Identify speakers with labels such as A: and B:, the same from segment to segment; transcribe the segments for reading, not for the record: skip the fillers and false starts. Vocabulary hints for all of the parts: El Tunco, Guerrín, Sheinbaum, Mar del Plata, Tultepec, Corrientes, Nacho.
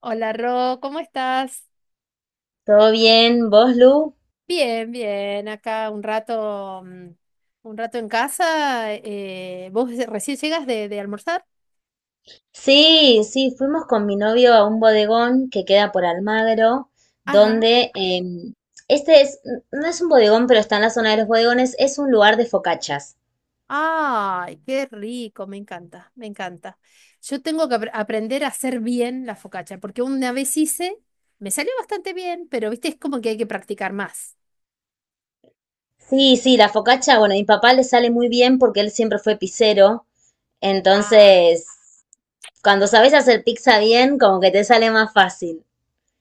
A: Hola Ro, ¿cómo estás?
B: ¿Todo bien? ¿Vos, Lu?
A: Bien, bien, acá un rato, un rato en casa. ¿Vos recién llegas de almorzar?
B: Sí, sí, fuimos con mi novio a un bodegón que queda por Almagro,
A: Ajá.
B: donde este es, no es un bodegón, pero está en la zona de los bodegones, es un lugar de focachas.
A: Ay, qué rico, me encanta, me encanta. Yo tengo que aprender a hacer bien la focaccia, porque una vez hice, me salió bastante bien, pero viste, es como que hay que practicar más.
B: Sí, sí, la focacha, bueno, a mi papá le sale muy bien porque él siempre fue pizzero,
A: Ah.
B: entonces cuando sabes hacer pizza bien, como que te sale más fácil.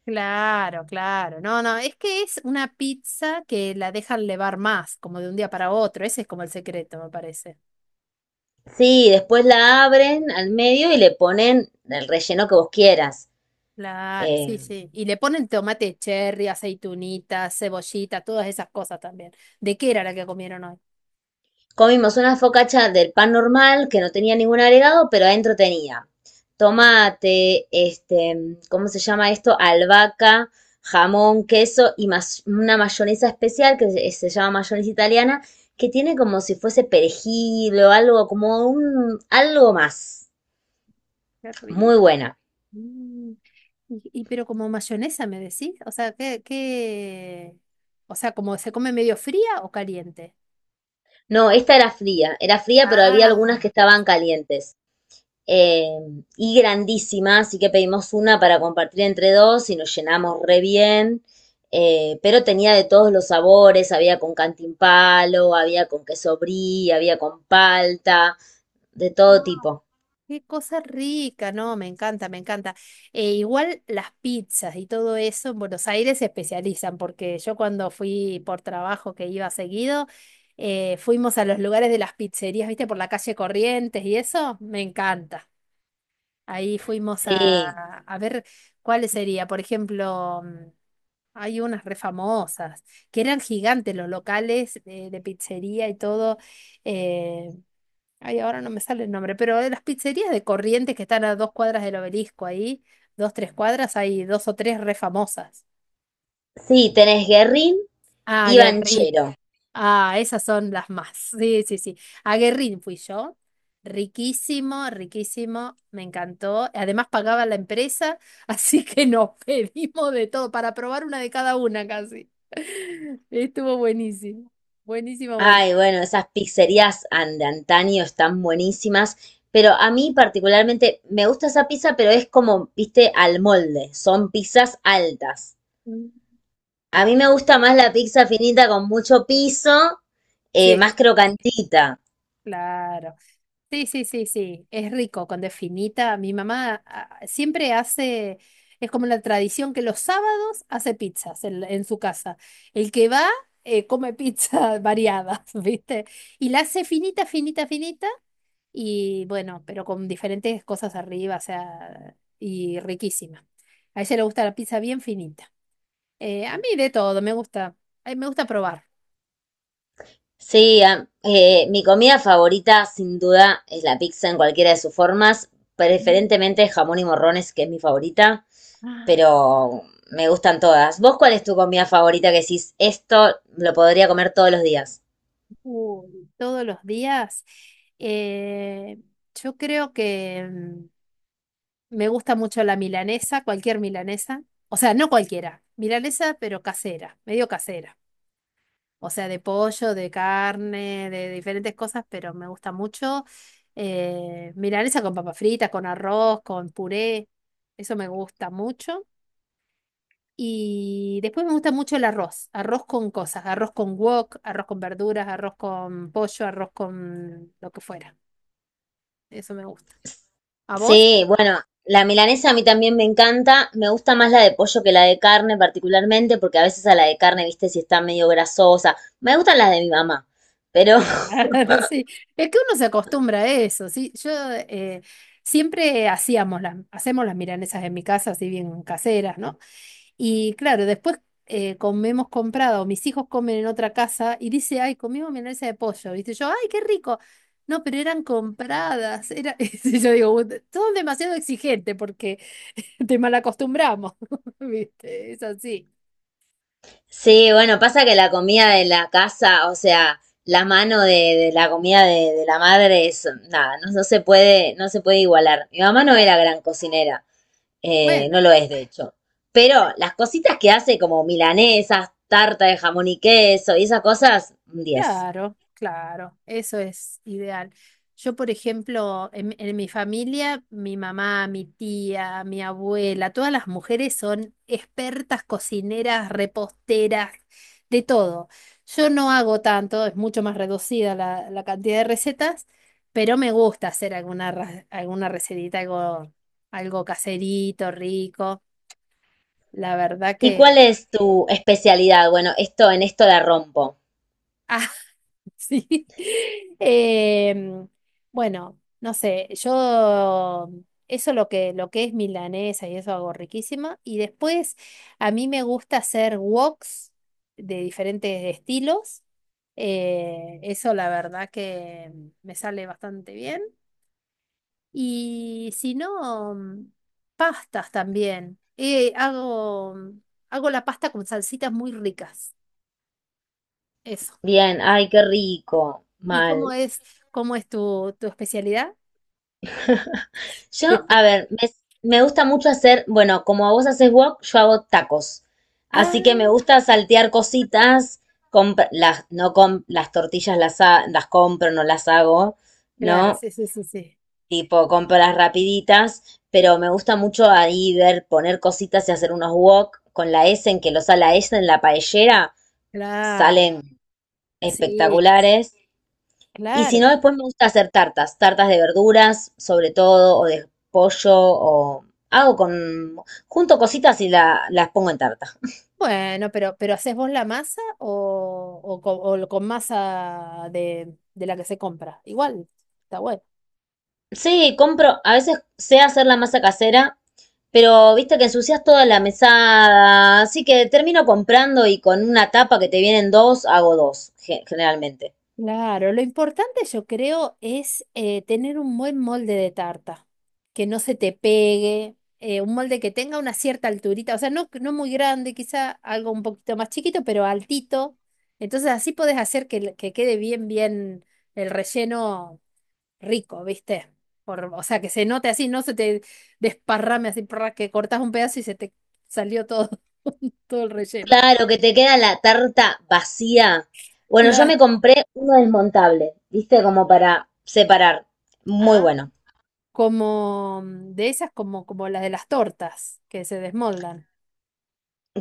A: Claro, claro. No, no, es que es una pizza que la dejan levar más, como de un día para otro. Ese es como el secreto, me parece.
B: Sí, después la abren al medio y le ponen el relleno que vos quieras.
A: Claro, sí,
B: Eh,
A: sí. Y le ponen tomate cherry, aceitunita, cebollita, todas esas cosas también. ¿De qué era la que comieron hoy?
B: Comimos una focacha del pan normal que no tenía ningún agregado, pero adentro tenía tomate, este, ¿cómo se llama esto? Albahaca, jamón, queso y más una mayonesa especial que se llama mayonesa italiana, que tiene como si fuese perejil o algo, como un, algo más.
A: Qué rico.
B: Muy buena.
A: Mm, y pero como mayonesa, ¿me decís? O sea, ¿qué? O sea, ¿como se come medio fría o caliente?
B: No, esta era fría, pero había algunas
A: Ah,
B: que estaban calientes. eh, y grandísima, así que pedimos una para compartir entre dos y nos llenamos re bien. Pero tenía de todos los sabores, había con cantimpalo, había con queso brie, había con palta, de
A: ah.
B: todo tipo.
A: Qué cosa rica, no, me encanta, me encanta. Igual las pizzas y todo eso en Buenos Aires se especializan, porque yo cuando fui por trabajo que iba seguido, fuimos a los lugares de las pizzerías, viste, por la calle Corrientes y eso, me encanta. Ahí fuimos
B: Sí,
A: a ver cuál sería, por ejemplo, hay unas re famosas, que eran gigantes los locales de pizzería y todo. eh, Ay, ahora no me sale el nombre, pero de las pizzerías de Corrientes que están a dos cuadras del obelisco ahí, dos, tres cuadras, hay dos o tres re famosas.
B: sí, tenés Guerrín
A: Ah,
B: y
A: Guerrín.
B: Banchero.
A: Ah, esas son las más. Sí, sí, sí. A Guerrín fui yo. Riquísimo, riquísimo, me encantó. Además pagaba la empresa, así que nos pedimos de todo para probar una de cada una casi. Estuvo buenísimo. Buenísimo, bueno.
B: Ay, bueno, esas pizzerías de antaño están buenísimas, pero a mí particularmente me gusta esa pizza, pero es como, viste, al molde, son pizzas altas. A mí
A: Claro.
B: me gusta
A: Sí,
B: más la pizza finita con mucho piso,
A: sí,
B: más crocantita.
A: claro. Sí, sí, sí, sí, es rico, con definita. Mi mamá ah, siempre hace, es como la tradición que los sábados hace pizzas en su casa. El que va come pizza variadas, ¿viste? Y la hace finita, finita, finita, y bueno, pero con diferentes cosas arriba, o sea, y riquísima. A ella le gusta la pizza bien finita. A mí de todo, me gusta probar.
B: Sí, mi comida favorita sin duda es la pizza en cualquiera de sus formas,
A: Mm.
B: preferentemente jamón y morrones, que es mi favorita,
A: Ah.
B: pero me gustan todas. ¿Vos cuál es tu comida favorita que decís, esto lo podría comer todos los días?
A: Uy, todos los días. eh, yo creo que me gusta mucho la milanesa, cualquier milanesa. O sea, no cualquiera. Milanesa, pero casera, medio casera. O sea, de pollo, de carne, de diferentes cosas, pero me gusta mucho. Milanesa con papas fritas, con arroz, con puré. Eso me gusta mucho. Y después me gusta mucho el arroz, arroz con cosas, arroz con wok, arroz con verduras, arroz con pollo, arroz con lo que fuera. Eso me gusta. ¿A vos?
B: Sí, bueno, la milanesa a mí también me encanta. Me gusta más la de pollo que la de carne particularmente, porque a veces a la de carne, viste, si está medio grasosa. Me gustan las de mi mamá. Pero
A: Claro, sí. Es que uno se acostumbra a eso, sí. Yo siempre hacíamos hacemos las milanesas en mi casa, así bien caseras, ¿no? Y claro, después comemos comprado, mis hijos comen en otra casa y dice, ay, comimos milanesa de pollo, ¿viste? Yo, ay, qué rico. No, pero eran compradas. Era... y yo digo, son demasiado exigentes porque te malacostumbramos, ¿viste? Es así.
B: sí, bueno, pasa que la comida de la casa, o sea, la mano de la comida de la madre es nada, no, no se puede, no se puede igualar. Mi mamá no era
A: Claro.
B: gran cocinera,
A: Bueno.
B: no lo es de hecho. Pero las cositas que hace como milanesas, tarta de jamón y queso y esas cosas, un 10.
A: Claro, claro, eso es ideal. Yo, por ejemplo, en mi familia, mi mamá, mi tía, mi abuela, todas las mujeres son expertas cocineras, reposteras, de todo. Yo no hago tanto, es mucho más reducida la cantidad de recetas, pero me gusta hacer alguna, alguna recetita, algo, algo caserito, rico. La verdad
B: ¿Y cuál
A: que...
B: es tu especialidad? Bueno, esto en esto la rompo.
A: Sí. Em, bueno, no sé, yo eso lo lo que es milanesa y eso hago riquísima. Y después a mí me gusta hacer woks de diferentes estilos. Eso la verdad que me sale bastante bien. Y si no, pastas también. Hago la pasta con salsitas muy ricas. Eso.
B: Bien, ay, qué rico.
A: ¿Y
B: Mal.
A: cómo es tu, tu especialidad?
B: Yo, a ver, me gusta mucho hacer, bueno, como vos haces wok, yo hago tacos. Así que
A: Ah,
B: me gusta saltear cositas, comp- las, no com- las tortillas las compro, no las hago,
A: claro,
B: ¿no?
A: sí, sí, sí, sí.
B: Tipo, compro las rapiditas, pero me gusta mucho ahí ver, poner cositas y hacer unos wok con la S en que los a la S en la paellera,
A: Claro,
B: salen
A: sí,
B: espectaculares. Y si no,
A: claro.
B: después me gusta hacer tartas, tartas de verduras, sobre todo, o de pollo, hago con, junto cositas y las pongo en tartas.
A: Bueno, pero ¿haces vos la masa o con masa de la que se compra? Igual, está bueno.
B: Sí, compro, a veces sé hacer la masa casera, pero viste que ensucias toda la mesada, así que termino comprando y con una tapa que te vienen dos, hago dos, generalmente.
A: Claro, lo importante yo creo es tener un buen molde de tarta, que no se te pegue, un molde que tenga una cierta alturita, o sea, no, no muy grande, quizá algo un poquito más chiquito, pero altito. Entonces así podés hacer que, que quede bien, bien el relleno rico, ¿viste? O sea, que se note así, no se te desparrame así, prrra, que cortás un pedazo y se te salió todo, todo el relleno.
B: Claro, que te queda la tarta vacía. Bueno, yo
A: Claro.
B: me compré uno desmontable, viste, como para separar. Muy bueno.
A: Como de esas como, como las de las tortas que se desmoldan.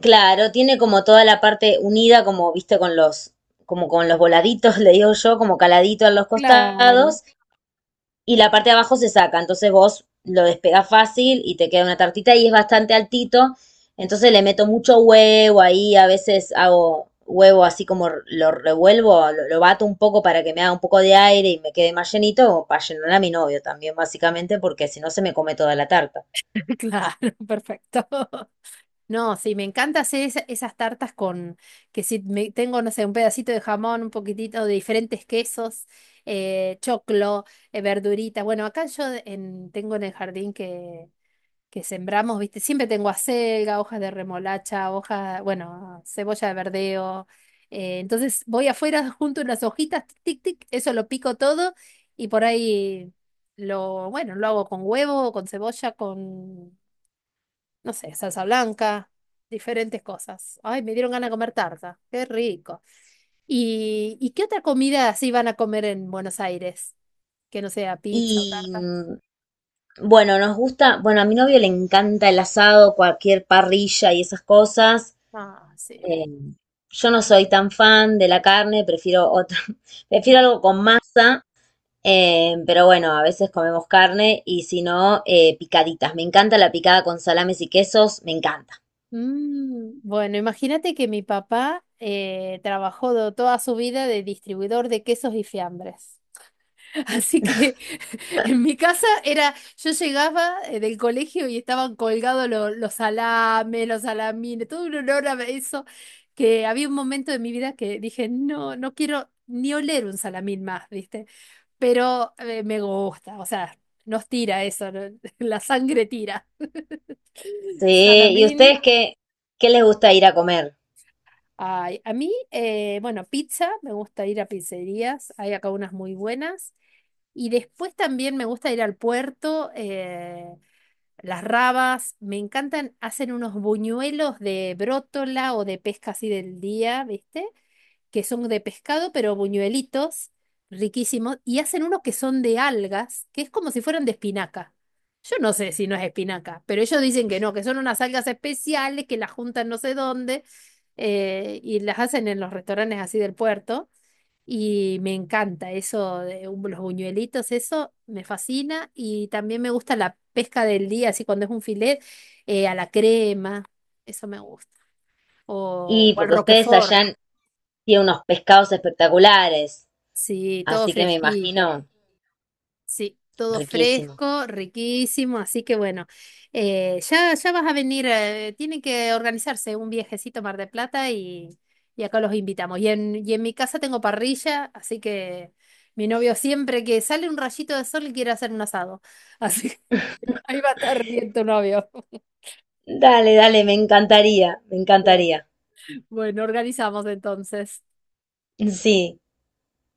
B: Claro, tiene como toda la parte unida, como viste, como con los voladitos, le digo yo, como caladito en los
A: Claro,
B: costados, y la parte de abajo se saca. Entonces vos lo despegás fácil y te queda una tartita y es bastante altito. Entonces le meto mucho huevo ahí, a veces hago huevo así como lo revuelvo, lo bato un poco para que me haga un poco de aire y me quede más llenito, o para llenar a mi novio también, básicamente, porque si no se me come toda la tarta.
A: claro, perfecto. No, sí, me encanta hacer esas tartas con, que si me, tengo, no sé, un pedacito de jamón, un poquitito de diferentes quesos, choclo, verduritas. Bueno, acá yo tengo en el jardín que sembramos, ¿viste? Siempre tengo acelga, hojas de remolacha, hojas, bueno, cebolla de verdeo. Entonces voy afuera junto unas hojitas, tic, tic, tic, eso lo pico todo y por ahí lo, bueno, lo hago con huevo, con cebolla, con, no sé, salsa blanca, diferentes cosas. Ay, me dieron ganas de comer tarta, qué rico. ¿Y qué otra comida así van a comer en Buenos Aires? Que no sea pizza o
B: Y
A: tarta.
B: mm, Bueno, nos gusta, bueno, a mi novio le encanta el asado, cualquier parrilla y esas cosas.
A: Ah, sí.
B: Eh, yo no soy tan fan de la carne, prefiero otra, prefiero algo con masa, pero bueno, a veces comemos carne y si no, picaditas. Me encanta la picada con salames y quesos, me encanta.
A: Mm, bueno, imagínate que mi papá trabajó toda su vida de distribuidor de quesos y fiambres. Así que en mi casa era, yo llegaba del colegio y estaban colgados los salames, los salamines, todo un olor a eso, que había un momento de mi vida que dije, no, no quiero ni oler un salamín más, ¿viste? Pero me gusta, o sea, nos tira eso, ¿no? La sangre tira.
B: Sí, ¿y
A: Salamín.
B: ustedes qué, qué les gusta ir a comer?
A: Ay, a mí, bueno, pizza, me gusta ir a pizzerías, hay acá unas muy buenas. Y después también me gusta ir al puerto, las rabas, me encantan, hacen unos buñuelos de brótola o de pesca así del día, ¿viste? Que son de pescado, pero buñuelitos, riquísimos, y hacen unos que son de algas, que es como si fueran de espinaca. Yo no sé si no es espinaca, pero ellos dicen que no, que son unas algas especiales que las juntan no sé dónde y las hacen en los restaurantes así del puerto. Y me encanta eso de los buñuelitos, eso me fascina. Y también me gusta la pesca del día, así cuando es un filet, a la crema, eso me gusta.
B: Y
A: O al
B: porque ustedes
A: Roquefort.
B: allá tienen unos pescados espectaculares,
A: Sí, todo
B: así que me
A: fresquito.
B: imagino
A: Sí, todo
B: riquísimo.
A: fresco, riquísimo. Así que bueno, ya vas a venir. Tienen que organizarse un viajecito a Mar del Plata y acá los invitamos. Y en mi casa tengo parrilla, así que mi novio siempre que sale un rayito de sol quiere hacer un asado. Así que ahí va a estar bien tu novio.
B: Dale, dale, me encantaría, me encantaría.
A: Bueno, organizamos entonces.
B: Sí.